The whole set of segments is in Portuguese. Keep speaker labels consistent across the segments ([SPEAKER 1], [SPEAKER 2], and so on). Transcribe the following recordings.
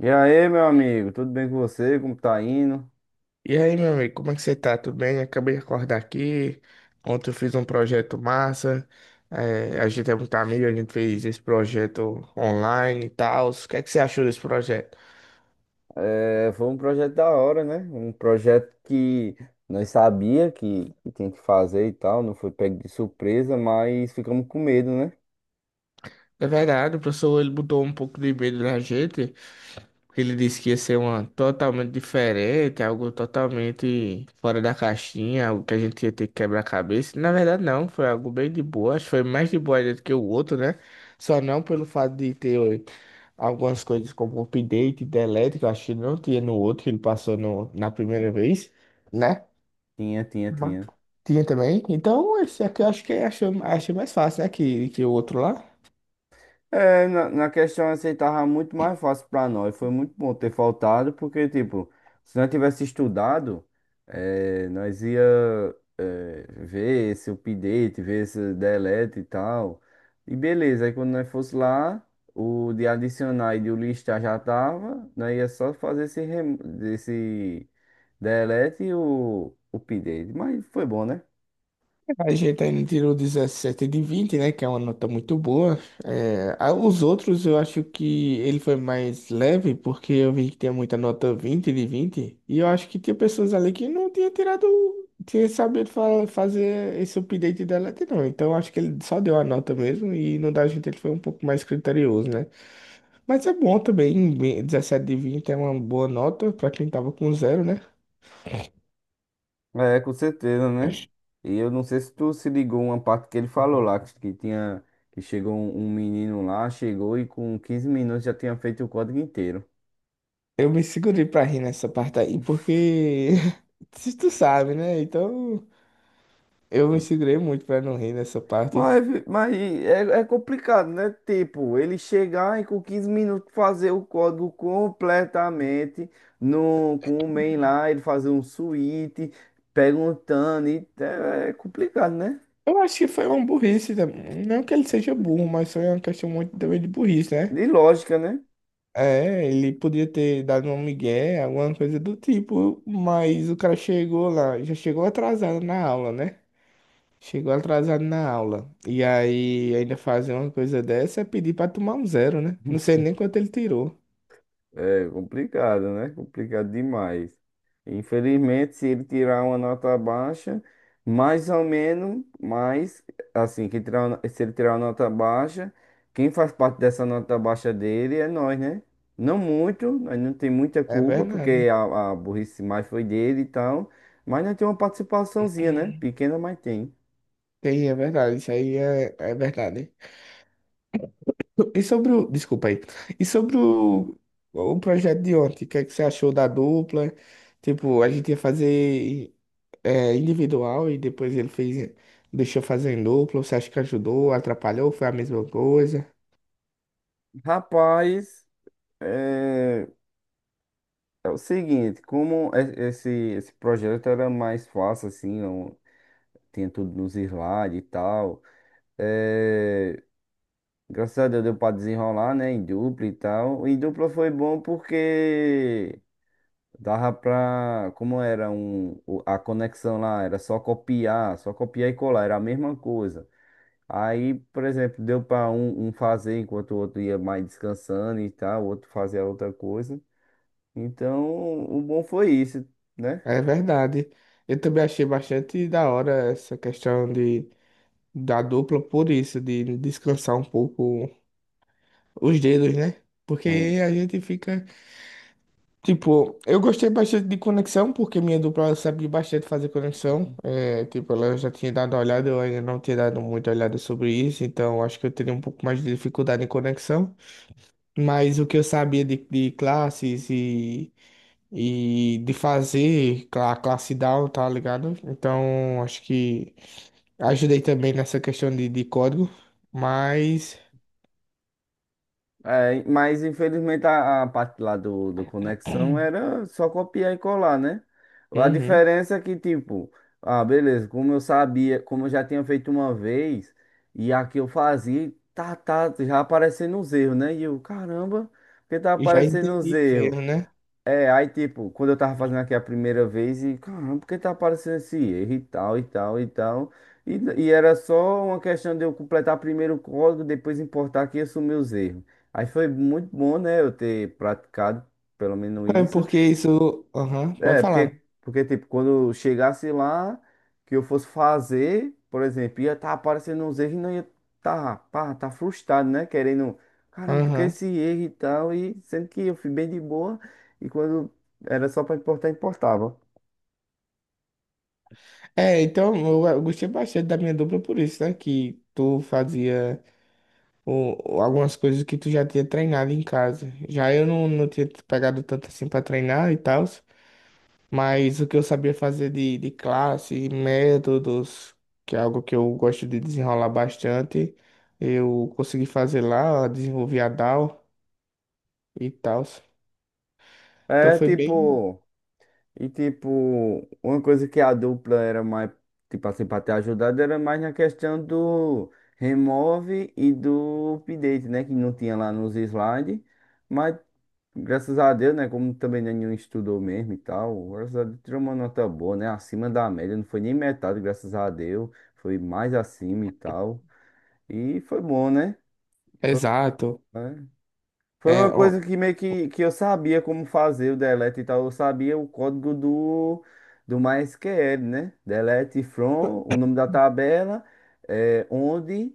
[SPEAKER 1] E aí, meu amigo, tudo bem com você? Como tá indo?
[SPEAKER 2] E aí, meu amigo, como é que você tá? Tudo bem? Acabei de acordar aqui. Ontem eu fiz um projeto massa. É, a gente é muito amigo, a gente fez esse projeto online e tal. O que é que você achou desse projeto?
[SPEAKER 1] É, foi um projeto da hora, né? Um projeto que nós sabia que tinha que fazer e tal, não foi pego de surpresa, mas ficamos com medo, né?
[SPEAKER 2] Na verdade, o professor ele botou um pouco de medo na gente. Ele disse que ia ser uma totalmente diferente, algo totalmente fora da caixinha, algo que a gente ia ter que quebrar a cabeça. Na verdade, não, foi algo bem de boa. Acho que foi mais de boa ainda do que o outro, né? Só não pelo fato de ter algumas coisas como update, delete, que eu acho que não tinha no outro, que ele passou no, na primeira vez, né?
[SPEAKER 1] Tinha, tinha,
[SPEAKER 2] Mas
[SPEAKER 1] tinha.
[SPEAKER 2] tinha também. Então, esse aqui eu acho que achei mais fácil, né? Que o outro lá.
[SPEAKER 1] Na questão assim, tava muito mais fácil pra nós. Foi muito bom ter faltado, porque, tipo, se nós tivesse estudado, nós ia, ver esse update, ver esse delete e tal. E beleza, aí quando nós fosse lá, o de adicionar e de o listar já tava, nós ia só fazer esse, esse delete e o update. Mas foi bom, né?
[SPEAKER 2] A gente ainda tirou 17 de 20, né? Que é uma nota muito boa. É, os outros eu acho que ele foi mais leve, porque eu vi que tinha muita nota 20 de 20. E eu acho que tinha pessoas ali que não tinha tirado, tinha sabido fazer esse update da delete, não. Então eu acho que ele só deu a nota mesmo e no da gente ele foi um pouco mais criterioso, né? Mas é bom também, 17 de 20 é uma boa nota para quem tava com zero, né?
[SPEAKER 1] É, com certeza, né? E eu não sei se tu se ligou uma parte que ele falou lá, que tinha, que chegou um menino lá, chegou e com quinze minutos já tinha feito o código inteiro.
[SPEAKER 2] Eu me segurei pra rir nessa parte aí, porque se tu sabe, né? Então eu me segurei muito pra não rir nessa parte.
[SPEAKER 1] Mas é, é complicado, né? Tipo, ele chegar e com 15 minutos fazer o código completamente no, com o main lá, ele fazer um switch, perguntando, e é é complicado, né?
[SPEAKER 2] Eu acho que foi uma burrice também. Não que ele seja burro, mas foi uma questão muito também de burrice, né?
[SPEAKER 1] De lógica, né?
[SPEAKER 2] É, ele podia ter dado um migué, alguma coisa do tipo, mas o cara chegou lá, já chegou atrasado na aula, né? Chegou atrasado na aula. E aí ainda fazer uma coisa dessa é pedir pra tomar um zero, né? Não sei nem quanto ele tirou.
[SPEAKER 1] É complicado, né? Complicado demais. Infelizmente, se ele tirar uma nota baixa, mais ou menos, mas assim, que tirar, se ele tirar uma nota baixa, quem faz parte dessa nota baixa dele é nós, né? Não muito, nós não tem muita
[SPEAKER 2] É
[SPEAKER 1] culpa,
[SPEAKER 2] verdade.
[SPEAKER 1] porque a burrice mais foi dele e tal, mas nós temos uma participaçãozinha, né? Pequena, mas tem.
[SPEAKER 2] Tem, é verdade, isso aí é, é verdade. E sobre o. Desculpa aí. E sobre o projeto de ontem, o que é que você achou da dupla? Tipo, a gente ia fazer individual e depois ele fez, deixou fazer em dupla. Você acha que ajudou, atrapalhou, foi a mesma coisa?
[SPEAKER 1] Rapaz, é, é o seguinte, como esse projeto era mais fácil, assim, tinha tudo nos slides e tal. É, graças a Deus deu pra desenrolar, né? Em dupla e tal. Em dupla foi bom porque dava pra. Como era a conexão lá, era só copiar e colar, era a mesma coisa. Aí, por exemplo, deu pra um fazer enquanto o outro ia mais descansando e tal, o outro fazia outra coisa. Então, o bom foi isso, né?
[SPEAKER 2] É verdade. Eu também achei bastante da hora essa questão da dupla, por isso, de descansar um pouco os dedos, né? Porque
[SPEAKER 1] Hum.
[SPEAKER 2] a gente fica. Tipo, eu gostei bastante de conexão, porque minha dupla ela sabe bastante fazer conexão. É, tipo, ela já tinha dado uma olhada, eu ainda não tinha dado muita olhada sobre isso, então acho que eu teria um pouco mais de dificuldade em conexão. Mas o que eu sabia de classes e de fazer a classe down, tá ligado? Então acho que ajudei também nessa questão de código, mas
[SPEAKER 1] É, mas infelizmente a parte lá do conexão era só copiar e colar, né? A
[SPEAKER 2] uhum,
[SPEAKER 1] diferença é que, tipo, ah, beleza, como eu sabia, como eu já tinha feito uma vez, e aqui eu fazia, tá, já aparecendo os erros, né? E eu, caramba, porque tá
[SPEAKER 2] já
[SPEAKER 1] aparecendo os
[SPEAKER 2] entendi os
[SPEAKER 1] erros?
[SPEAKER 2] erros, né?
[SPEAKER 1] É, aí tipo, quando eu tava fazendo aqui a primeira vez, e caramba, por que tá aparecendo esse erro e tal. E, e era só uma questão de eu completar primeiro o código, depois importar aqui e assumir os erros. Aí foi muito bom, né, eu ter praticado pelo menos
[SPEAKER 2] É
[SPEAKER 1] isso.
[SPEAKER 2] porque isso. Aham, vai
[SPEAKER 1] É,
[SPEAKER 2] falar.
[SPEAKER 1] porque, tipo, quando chegasse lá, que eu fosse fazer, por exemplo, ia estar aparecendo uns erros e não ia tá, pá, tá frustrado, né? Querendo, caramba, porque
[SPEAKER 2] Aham.
[SPEAKER 1] esse erro e tal, e sendo que eu fui bem de boa, e quando era só pra importar, importava.
[SPEAKER 2] É, então eu gostei bastante da minha dupla por isso, né? Que tu fazia algumas coisas que tu já tinha treinado em casa. Já eu não tinha pegado tanto assim pra treinar e tal, mas o que eu sabia fazer de classe, métodos, que é algo que eu gosto de desenrolar bastante, eu consegui fazer lá, desenvolvi a DAO e tal. Então
[SPEAKER 1] É,
[SPEAKER 2] foi bem.
[SPEAKER 1] tipo, tipo, uma coisa que a dupla era mais, tipo assim, pra ter ajudado, era mais na questão do remove e do update, né? Que não tinha lá nos slides. Mas graças a Deus, né? Como também nenhum estudou mesmo e tal, graças a Deus tirou uma nota boa, né? Acima da média, não foi nem metade, graças a Deus, foi mais acima e tal. E foi bom, né? Foi,
[SPEAKER 2] Exato.
[SPEAKER 1] né? Foi
[SPEAKER 2] É,
[SPEAKER 1] uma
[SPEAKER 2] ó,
[SPEAKER 1] coisa que meio que eu sabia como fazer o delete e tal, eu sabia o código do MySQL, né? Delete from, o nome da tabela, é, onde.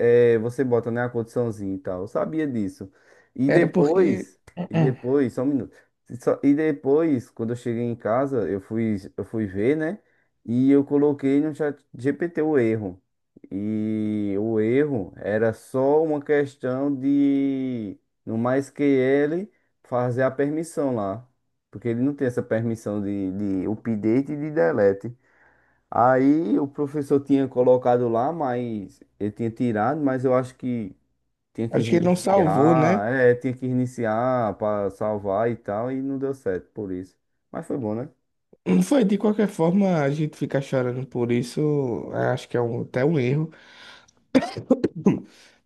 [SPEAKER 1] É, você bota, né, a condiçãozinha e tal. Eu sabia disso. E
[SPEAKER 2] era porque
[SPEAKER 1] depois, e depois, só um minuto. E depois, quando eu cheguei em casa, eu fui ver, né? E eu coloquei no chat GPT o erro. E o erro era só uma questão de, no MySQL, fazer a permissão lá. Porque ele não tem essa permissão de update e de delete. Aí o professor tinha colocado lá, mas ele tinha tirado, mas eu acho que tinha que
[SPEAKER 2] acho que ele não salvou, né?
[SPEAKER 1] reiniciar, é, tinha que reiniciar para salvar e tal, e não deu certo por isso. Mas foi bom, né?
[SPEAKER 2] Não. Foi, de qualquer forma, a gente fica chorando por isso, acho que é até um erro,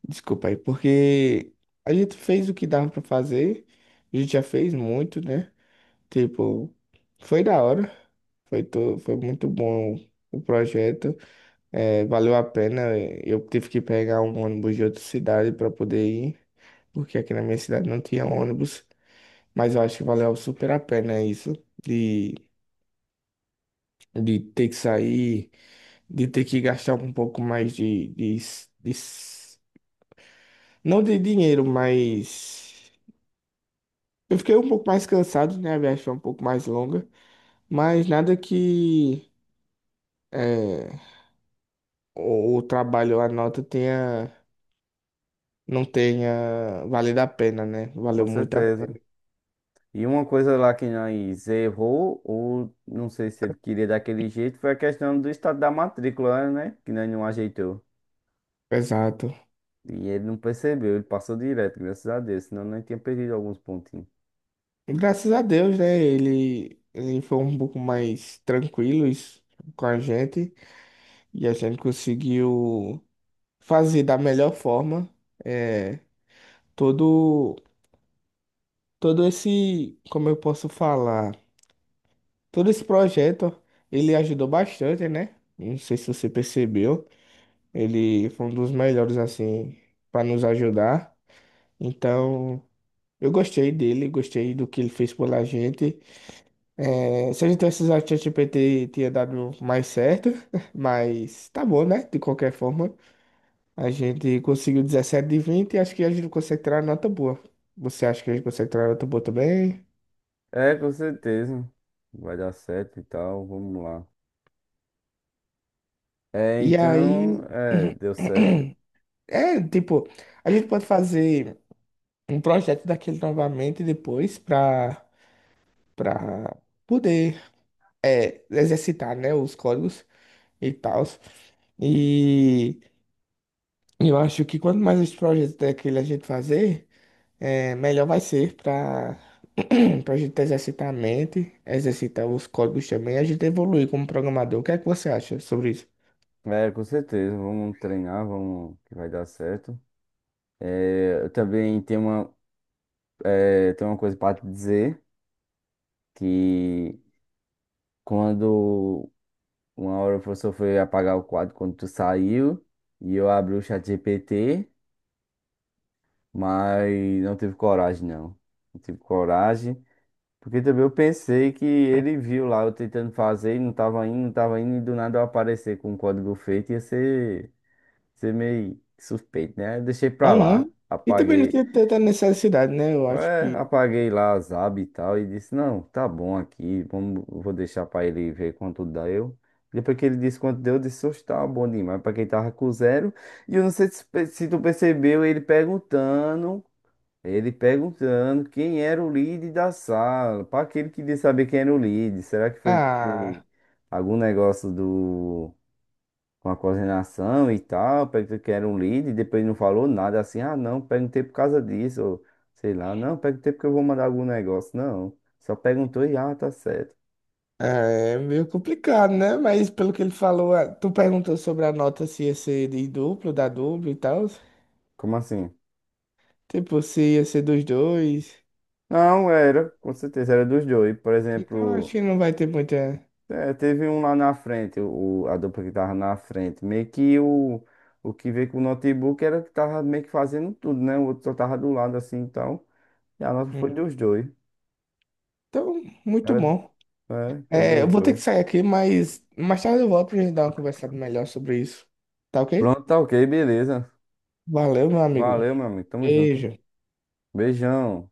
[SPEAKER 2] desculpa aí, porque a gente fez o que dava pra fazer, a gente já fez muito, né? Tipo, foi da hora, foi muito bom o projeto, é, valeu a pena, eu tive que pegar um ônibus de outra cidade pra poder ir, porque aqui na minha cidade não tinha ônibus, mas eu acho que valeu super a pena isso, de, de ter que sair. De ter que gastar um pouco mais de- não de dinheiro, mas eu fiquei um pouco mais cansado, né? A viagem foi um pouco mais longa, mas nada que é, o trabalho, a nota não tenha valido a pena, né?
[SPEAKER 1] Com
[SPEAKER 2] Valeu muito a
[SPEAKER 1] certeza.
[SPEAKER 2] pena.
[SPEAKER 1] E uma coisa lá que nós errou, ou não sei se ele queria daquele jeito, foi a questão do estado da matrícula, né? Que nós não ajeitou.
[SPEAKER 2] Exato.
[SPEAKER 1] E ele não percebeu, ele passou direto, graças a Deus, senão nós tinha perdido alguns pontinhos.
[SPEAKER 2] E graças a Deus, né? Ele foi um pouco mais tranquilo isso, com a gente e a gente conseguiu fazer da melhor forma. É, todo todo esse, como eu posso falar, todo esse projeto, ele ajudou bastante, né? Não sei se você percebeu, ele foi um dos melhores assim para nos ajudar. Então, eu gostei dele, gostei do que ele fez pela gente. É, se a gente tivesse usado o ChatGPT, tinha dado mais certo, mas tá bom, né? De qualquer forma, a gente conseguiu 17 de 20 e acho que a gente consegue tirar nota boa. Você acha que a gente consegue tirar nota boa também?
[SPEAKER 1] É, com certeza. Vai dar certo e tal, vamos lá. É,
[SPEAKER 2] E
[SPEAKER 1] então,
[SPEAKER 2] aí,
[SPEAKER 1] é, deu certo.
[SPEAKER 2] é, tipo, a gente pode fazer um projeto daquele novamente depois para poder é, exercitar, né, os códigos e tal. E eu acho que quanto mais esse projeto daquele a gente fazer, é, melhor vai ser para a gente exercitar a mente, exercitar os códigos também, e a gente evoluir como programador. O que é que você acha sobre isso?
[SPEAKER 1] É, com certeza, vamos treinar, vamos que vai dar certo. Eu também tenho uma coisa para te dizer, que quando uma hora o professor foi apagar o quadro quando tu saiu, e eu abri o chat GPT, mas não tive coragem, não. Não tive coragem, porque também eu pensei que ele viu lá eu tentando fazer e não tava indo, não tava indo, e do nada eu aparecer com o código feito, ia ser meio suspeito, né? Aí eu deixei pra
[SPEAKER 2] Aham.
[SPEAKER 1] lá,
[SPEAKER 2] E também não
[SPEAKER 1] apaguei,
[SPEAKER 2] tem tanta necessidade, né? Eu acho
[SPEAKER 1] é,
[SPEAKER 2] que,
[SPEAKER 1] apaguei lá as abas e tal, e disse, não, tá bom aqui, vamos, vou deixar pra ele ver quanto deu. Depois que ele disse quanto deu, eu disse, oxe, tá bom demais, pra quem tava com zero. E eu não sei se, se tu percebeu, ele perguntando quem era o lead da sala, pra aquele que queria saber quem era o lead, será que foi porque
[SPEAKER 2] ah,
[SPEAKER 1] algum negócio do com a coordenação e tal, perguntei que era um líder, e depois não falou nada assim, ah não, perguntei por causa disso, ou sei lá, não, perguntei porque eu vou mandar algum negócio, não, só perguntou e ah, tá certo.
[SPEAKER 2] é meio complicado, né? Mas pelo que ele falou, ah, tu perguntou sobre a nota se ia ser da dupla e tal.
[SPEAKER 1] Como assim?
[SPEAKER 2] Tipo, se ia ser dos dois.
[SPEAKER 1] Não, era, com certeza, era dos dois, por
[SPEAKER 2] Então acho
[SPEAKER 1] exemplo,
[SPEAKER 2] que não vai ter muita.
[SPEAKER 1] é, teve um lá na frente, a dupla que tava na frente, meio que o que veio com o notebook era que tava meio que fazendo tudo, né, o outro só tava do lado assim, então, e a nota foi
[SPEAKER 2] Hum.
[SPEAKER 1] dos dois,
[SPEAKER 2] Então, muito
[SPEAKER 1] era,
[SPEAKER 2] bom.
[SPEAKER 1] foi
[SPEAKER 2] É, eu
[SPEAKER 1] dos
[SPEAKER 2] vou ter
[SPEAKER 1] dois.
[SPEAKER 2] que sair aqui, mas mais tarde eu volto pra gente dar uma conversada melhor sobre isso. Tá ok?
[SPEAKER 1] Pronto, tá ok, beleza.
[SPEAKER 2] Valeu, meu amigo.
[SPEAKER 1] Valeu, meu amigo. Tamo junto.
[SPEAKER 2] Beijo.
[SPEAKER 1] Beijão.